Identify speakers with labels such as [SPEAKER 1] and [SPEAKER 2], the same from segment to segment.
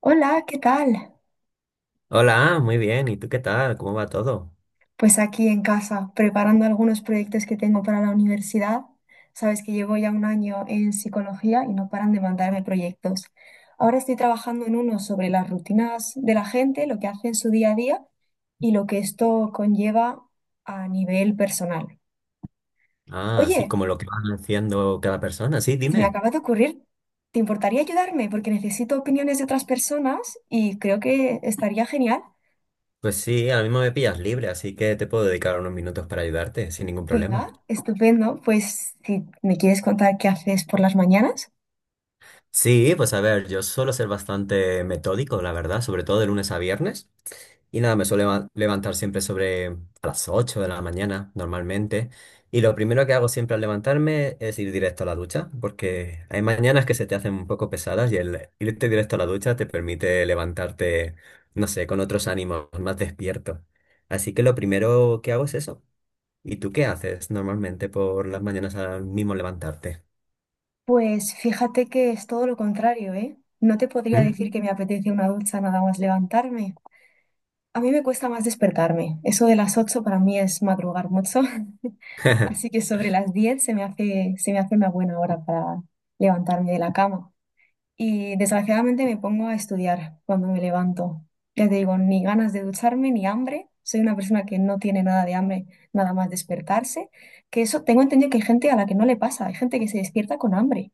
[SPEAKER 1] Hola, ¿qué tal?
[SPEAKER 2] Hola, muy bien. ¿Y tú qué tal? ¿Cómo va todo?
[SPEAKER 1] Pues aquí en casa, preparando algunos proyectos que tengo para la universidad. Sabes que llevo ya un año en psicología y no paran de mandarme proyectos. Ahora estoy trabajando en uno sobre las rutinas de la gente, lo que hace en su día a día y lo que esto conlleva a nivel personal.
[SPEAKER 2] Ah, sí,
[SPEAKER 1] Oye,
[SPEAKER 2] como lo que van haciendo cada persona. Sí,
[SPEAKER 1] se me
[SPEAKER 2] dime.
[SPEAKER 1] acaba de ocurrir, ¿te importaría ayudarme? Porque necesito opiniones de otras personas y creo que estaría genial.
[SPEAKER 2] Pues sí, ahora mismo me pillas libre, así que te puedo dedicar unos minutos para ayudarte, sin ningún problema.
[SPEAKER 1] Venga, estupendo. Pues si me quieres contar qué haces por las mañanas,
[SPEAKER 2] Sí, pues a ver, yo suelo ser bastante metódico, la verdad, sobre todo de lunes a viernes. Y nada, me suelo levantar siempre sobre a las 8 de la mañana, normalmente. Y lo primero que hago siempre al levantarme es ir directo a la ducha, porque hay mañanas que se te hacen un poco pesadas y el irte directo a la ducha te permite levantarte, no sé, con otros ánimos, más despierto. Así que lo primero que hago es eso. ¿Y tú qué haces normalmente por las mañanas al mismo levantarte?
[SPEAKER 1] pues fíjate que es todo lo contrario, ¿eh? No te podría decir
[SPEAKER 2] ¿Mm?
[SPEAKER 1] que me apetece una ducha nada más levantarme. A mí me cuesta más despertarme. Eso de las 8 para mí es madrugar mucho, así que sobre las 10 se me hace una buena hora para levantarme de la cama. Y desgraciadamente me pongo a estudiar cuando me levanto. Ya te digo, ni ganas de ducharme, ni hambre. Soy una persona que no tiene nada de hambre, nada más despertarse. Que eso tengo entendido que hay gente a la que no le pasa. Hay gente que se despierta con hambre.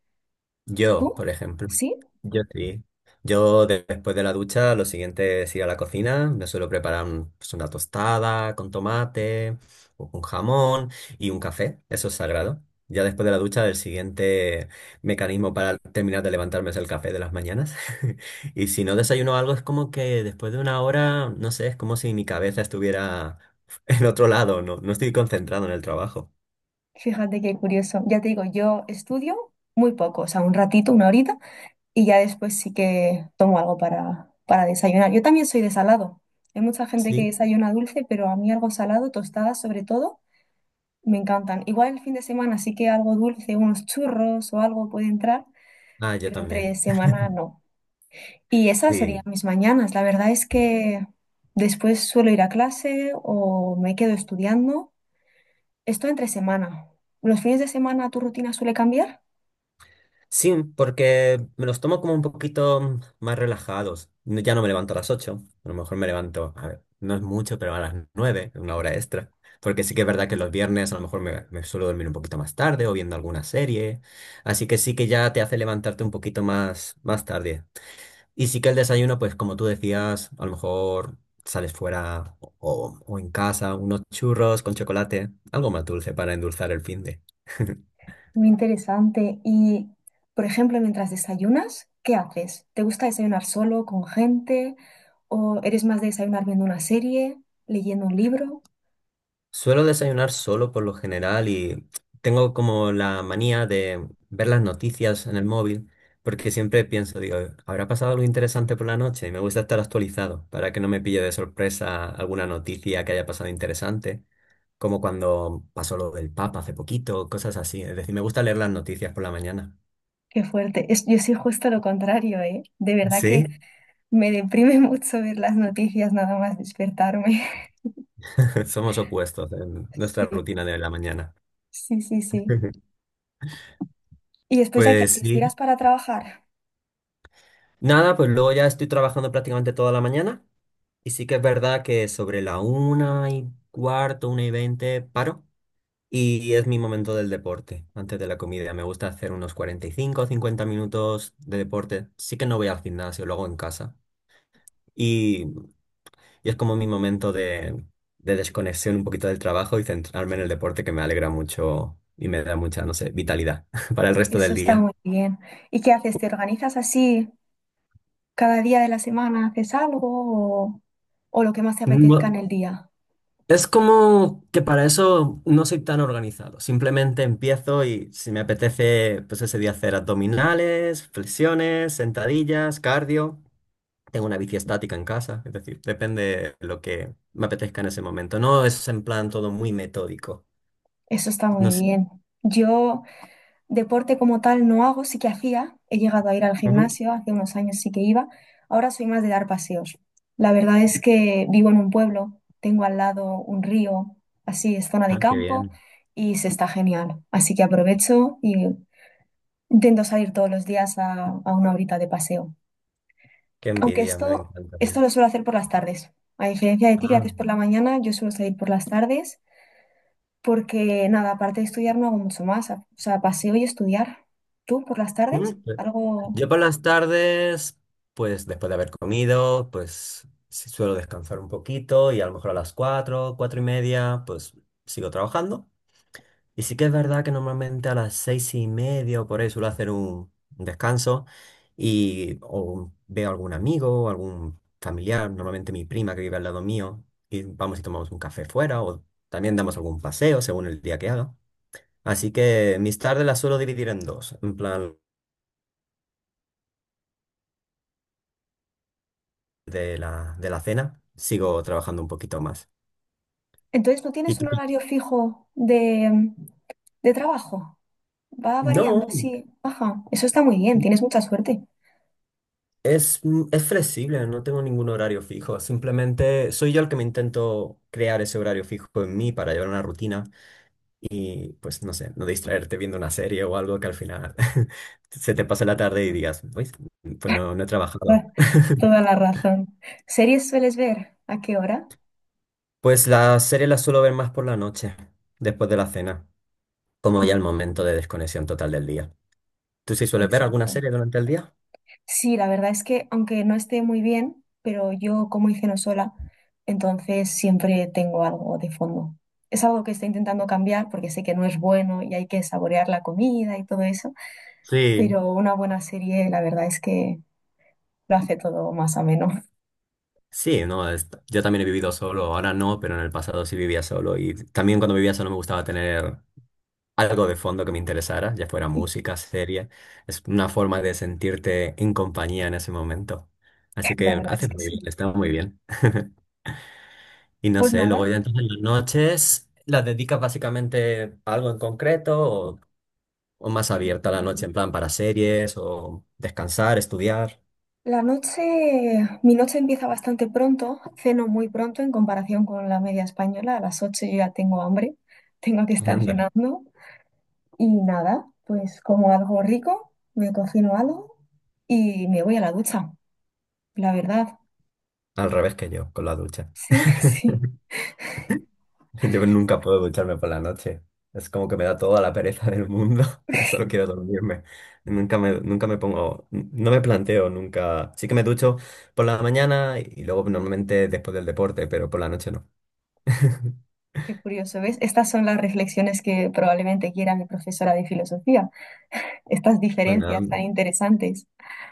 [SPEAKER 2] Yo,
[SPEAKER 1] ¿Tú?
[SPEAKER 2] por ejemplo,
[SPEAKER 1] ¿Sí?
[SPEAKER 2] yo sí. Yo después de la ducha, lo siguiente es ir a la cocina. Me suelo preparar pues, una tostada con tomate, o con jamón y un café. Eso es sagrado. Ya después de la ducha, el siguiente mecanismo para terminar de levantarme es el café de las mañanas. Y si no desayuno algo, es como que después de una hora, no sé, es como si mi cabeza estuviera en otro lado. No, no estoy concentrado en el trabajo.
[SPEAKER 1] Fíjate qué curioso. Ya te digo, yo estudio muy poco, o sea, un ratito, una horita, y ya después sí que tomo algo para desayunar. Yo también soy de salado. Hay mucha gente que
[SPEAKER 2] Sí.
[SPEAKER 1] desayuna dulce, pero a mí algo salado, tostadas sobre todo. Me encantan. Igual el fin de semana sí que algo dulce, unos churros o algo puede entrar,
[SPEAKER 2] Ah, yo
[SPEAKER 1] pero entre
[SPEAKER 2] también.
[SPEAKER 1] semana no. Y esas serían
[SPEAKER 2] Sí.
[SPEAKER 1] mis mañanas. La verdad es que después suelo ir a clase o me quedo estudiando. Esto entre semana. ¿Los fines de semana tu rutina suele cambiar?
[SPEAKER 2] Sí, porque me los tomo como un poquito más relajados. Ya no me levanto a las 8. A lo mejor me levanto, a ver, no es mucho, pero a las 9, una hora extra. Porque sí que es verdad que los viernes a lo mejor me suelo dormir un poquito más tarde o viendo alguna serie. Así que sí que ya te hace levantarte un poquito más tarde. Y sí que el desayuno, pues como tú decías, a lo mejor sales fuera o en casa, unos churros con chocolate, algo más dulce para endulzar el fin de.
[SPEAKER 1] Muy interesante. Y, por ejemplo, mientras desayunas, ¿qué haces? ¿Te gusta desayunar solo, con gente? ¿O eres más de desayunar viendo una serie, leyendo un libro?
[SPEAKER 2] Suelo desayunar solo por lo general y tengo como la manía de ver las noticias en el móvil porque siempre pienso, digo, ¿habrá pasado algo interesante por la noche? Y me gusta estar actualizado para que no me pille de sorpresa alguna noticia que haya pasado interesante, como cuando pasó lo del Papa hace poquito, cosas así. Es decir, me gusta leer las noticias por la mañana.
[SPEAKER 1] Qué fuerte. Yo soy justo lo contrario, ¿eh? De verdad
[SPEAKER 2] Sí,
[SPEAKER 1] que me deprime mucho ver las noticias nada más despertarme.
[SPEAKER 2] somos opuestos en nuestra
[SPEAKER 1] Sí,
[SPEAKER 2] rutina de la mañana.
[SPEAKER 1] sí, sí, sí. Y después ya que
[SPEAKER 2] Pues
[SPEAKER 1] haces, ¿tiras
[SPEAKER 2] sí.
[SPEAKER 1] para trabajar?
[SPEAKER 2] Nada, pues luego ya estoy trabajando prácticamente toda la mañana. Y sí que es verdad que sobre la 1:15, 1:20, paro. Y es mi momento del deporte, antes de la comida. Me gusta hacer unos 45 o 50 minutos de deporte. Sí que no voy al gimnasio, lo hago en casa. Y, y es como mi momento de desconexión un poquito del trabajo y centrarme en el deporte que me alegra mucho y me da mucha, no sé, vitalidad para el resto
[SPEAKER 1] Eso
[SPEAKER 2] del
[SPEAKER 1] está
[SPEAKER 2] día.
[SPEAKER 1] muy bien. ¿Y qué haces? ¿Te organizas así cada día de la semana? ¿Haces algo o lo que más te apetezca en el día?
[SPEAKER 2] Es como que para eso no soy tan organizado. Simplemente empiezo y si me apetece, pues ese día hacer abdominales, flexiones, sentadillas, cardio. Tengo una bici estática en casa, es decir, depende de lo que me apetezca en ese momento. No es en plan todo muy metódico.
[SPEAKER 1] Eso está
[SPEAKER 2] No
[SPEAKER 1] muy
[SPEAKER 2] sé.
[SPEAKER 1] bien. Yo deporte como tal no hago, sí que hacía. He llegado a ir al
[SPEAKER 2] Ujú.
[SPEAKER 1] gimnasio, hace unos años sí que iba. Ahora soy más de dar paseos. La verdad es que vivo en un pueblo, tengo al lado un río, así es zona de
[SPEAKER 2] Ah, qué
[SPEAKER 1] campo
[SPEAKER 2] bien.
[SPEAKER 1] y se está genial. Así que aprovecho y intento salir todos los días a una horita de paseo.
[SPEAKER 2] Qué
[SPEAKER 1] Aunque
[SPEAKER 2] envidia, me
[SPEAKER 1] esto
[SPEAKER 2] encantaría.
[SPEAKER 1] lo suelo hacer por las tardes. A diferencia de ti que haces
[SPEAKER 2] Ah.
[SPEAKER 1] por la mañana, yo suelo salir por las tardes porque, nada, aparte de estudiar no hago mucho más. O sea, paseo y estudiar. ¿Tú por las tardes?
[SPEAKER 2] Pues
[SPEAKER 1] Algo...
[SPEAKER 2] yo por las tardes, pues después de haber comido, pues sí suelo descansar un poquito y a lo mejor a las 4, 4:30, pues sigo trabajando. Y sí que es verdad que normalmente a las 6:30 o por ahí suelo hacer un descanso y o veo algún amigo o algún familiar, normalmente mi prima que vive al lado mío, y vamos y tomamos un café fuera o también damos algún paseo según el día que haga. Así que mis tardes las suelo dividir en dos, en plan, de la cena, sigo trabajando un poquito más.
[SPEAKER 1] Entonces, ¿no
[SPEAKER 2] ¿Y
[SPEAKER 1] tienes
[SPEAKER 2] tú?
[SPEAKER 1] un
[SPEAKER 2] ¿Qué?
[SPEAKER 1] horario fijo de trabajo? Va variando
[SPEAKER 2] No,
[SPEAKER 1] así. Ajá, eso está muy bien, tienes mucha suerte.
[SPEAKER 2] es flexible, no tengo ningún horario fijo, simplemente soy yo el que me intento crear ese horario fijo en mí para llevar una rutina y pues no sé, no distraerte viendo una serie o algo que al final se te pase la tarde y digas, pues no, no he trabajado.
[SPEAKER 1] Ah, toda la razón. ¿Series sueles ver? ¿A qué hora?
[SPEAKER 2] Pues las series las suelo ver más por la noche, después de la cena, como ya el momento de desconexión total del día. ¿Tú sí sueles ver alguna
[SPEAKER 1] Exacto.
[SPEAKER 2] serie durante el día?
[SPEAKER 1] Sí, la verdad es que aunque no esté muy bien, pero yo como hice no sola, entonces siempre tengo algo de fondo. Es algo que estoy intentando cambiar porque sé que no es bueno y hay que saborear la comida y todo eso,
[SPEAKER 2] Sí.
[SPEAKER 1] pero una buena serie la verdad es que lo hace todo más ameno.
[SPEAKER 2] Sí, no, yo también he vivido solo, ahora no, pero en el pasado sí vivía solo y también cuando vivía solo me gustaba tener algo de fondo que me interesara, ya fuera música, serie, es una forma de sentirte en compañía en ese momento. Así
[SPEAKER 1] La
[SPEAKER 2] que
[SPEAKER 1] verdad es
[SPEAKER 2] haces
[SPEAKER 1] que
[SPEAKER 2] muy
[SPEAKER 1] sí.
[SPEAKER 2] bien, está muy bien. Y no
[SPEAKER 1] Pues
[SPEAKER 2] sé, luego
[SPEAKER 1] nada,
[SPEAKER 2] ya entonces las noches las dedicas básicamente a algo en concreto o más abierta la noche en plan para series o descansar, estudiar.
[SPEAKER 1] la noche, mi noche empieza bastante pronto, ceno muy pronto en comparación con la media española, a las 8 yo ya tengo hambre, tengo que estar
[SPEAKER 2] Anda,
[SPEAKER 1] cenando. Y nada, pues como algo rico, me cocino algo y me voy a la ducha, la verdad.
[SPEAKER 2] al revés que yo, con la ducha.
[SPEAKER 1] Sí, sí.
[SPEAKER 2] Yo nunca puedo ducharme por la noche. Es como que me da toda la pereza del mundo y solo quiero dormirme. Nunca me pongo, no me planteo nunca. Sí que me ducho por la mañana y luego normalmente después del deporte, pero por la noche no.
[SPEAKER 1] Qué curioso, ¿ves? Estas son las reflexiones que probablemente quiera mi profesora de filosofía, estas diferencias
[SPEAKER 2] Bueno,
[SPEAKER 1] tan interesantes.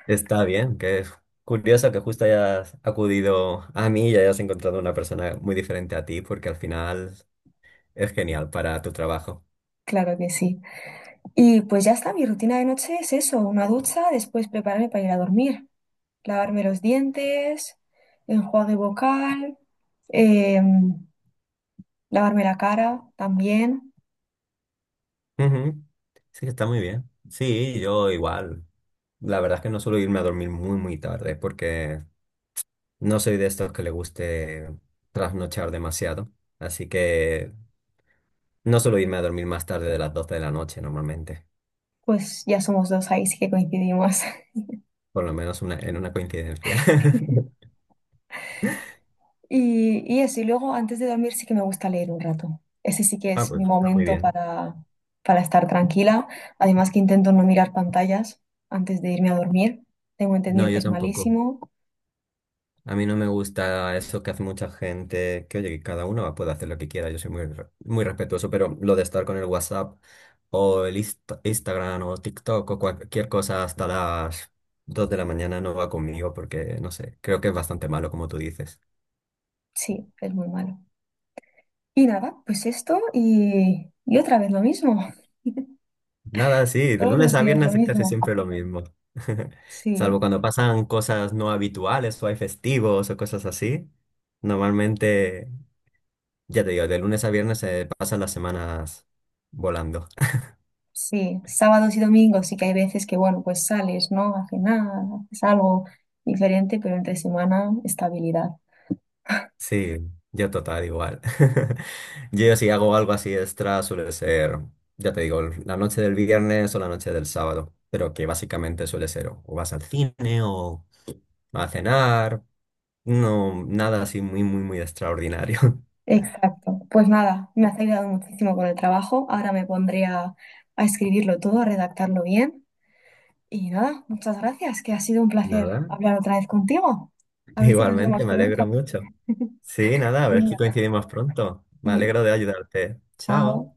[SPEAKER 2] está bien, que es curioso que justo hayas acudido a mí y hayas encontrado una persona muy diferente a ti, porque al final es genial para tu trabajo.
[SPEAKER 1] Claro que sí. Y pues ya está, mi rutina de noche es eso, una ducha, después prepararme para ir a dormir, lavarme los dientes, enjuague vocal, em, lavarme la cara también.
[SPEAKER 2] Ujú. Sí, está muy bien. Sí, yo igual. La verdad es que no suelo irme a dormir muy, muy tarde porque no soy de estos que le guste trasnochar demasiado. Así que no suelo irme a dormir más tarde de las 12 de la noche normalmente.
[SPEAKER 1] Pues ya somos dos ahí, sí que coincidimos.
[SPEAKER 2] Por lo menos una, en una coincidencia.
[SPEAKER 1] Y eso, y luego antes de dormir sí que me gusta leer un rato. Ese sí que
[SPEAKER 2] Ah,
[SPEAKER 1] es
[SPEAKER 2] pues
[SPEAKER 1] mi
[SPEAKER 2] está muy
[SPEAKER 1] momento
[SPEAKER 2] bien.
[SPEAKER 1] para estar tranquila. Además que intento no mirar pantallas antes de irme a dormir. Tengo
[SPEAKER 2] No,
[SPEAKER 1] entendido que
[SPEAKER 2] yo
[SPEAKER 1] es
[SPEAKER 2] tampoco.
[SPEAKER 1] malísimo.
[SPEAKER 2] A mí no me gusta eso que hace mucha gente, que oye, que cada uno puede hacer lo que quiera, yo soy muy, muy respetuoso, pero lo de estar con el WhatsApp o el Instagram o TikTok o cualquier cosa hasta las 2 de la mañana no va conmigo porque, no sé, creo que es bastante malo como tú dices.
[SPEAKER 1] Sí, es muy malo. Y nada, pues esto y otra vez lo mismo.
[SPEAKER 2] Nada, sí, de
[SPEAKER 1] Todos
[SPEAKER 2] lunes
[SPEAKER 1] los
[SPEAKER 2] a
[SPEAKER 1] días lo
[SPEAKER 2] viernes es casi
[SPEAKER 1] mismo.
[SPEAKER 2] siempre lo mismo, salvo
[SPEAKER 1] Sí,
[SPEAKER 2] cuando pasan cosas no habituales o hay festivos o cosas así. Normalmente, ya te digo, de lunes a viernes se pasan las semanas volando.
[SPEAKER 1] sí. Sábados y domingos sí que hay veces que, bueno, pues sales, ¿no? A cenar, haces algo diferente, pero entre semana, estabilidad.
[SPEAKER 2] Sí, yo total igual. Yo si hago algo así extra suele ser, ya te digo, la noche del viernes o la noche del sábado, pero que básicamente suele ser o vas al cine o a cenar, no, nada así muy, muy, muy extraordinario.
[SPEAKER 1] Exacto. Pues nada, me has ayudado muchísimo con el trabajo. Ahora me pondré a escribirlo todo, a redactarlo bien. Y nada, muchas gracias, que ha sido un placer
[SPEAKER 2] Nada,
[SPEAKER 1] hablar otra vez contigo. A ver si nos
[SPEAKER 2] igualmente,
[SPEAKER 1] vemos
[SPEAKER 2] me
[SPEAKER 1] pronto.
[SPEAKER 2] alegro mucho. Sí, nada, a ver si
[SPEAKER 1] Venga,
[SPEAKER 2] coincidimos pronto. Me
[SPEAKER 1] y
[SPEAKER 2] alegro de ayudarte. Chao.
[SPEAKER 1] chao.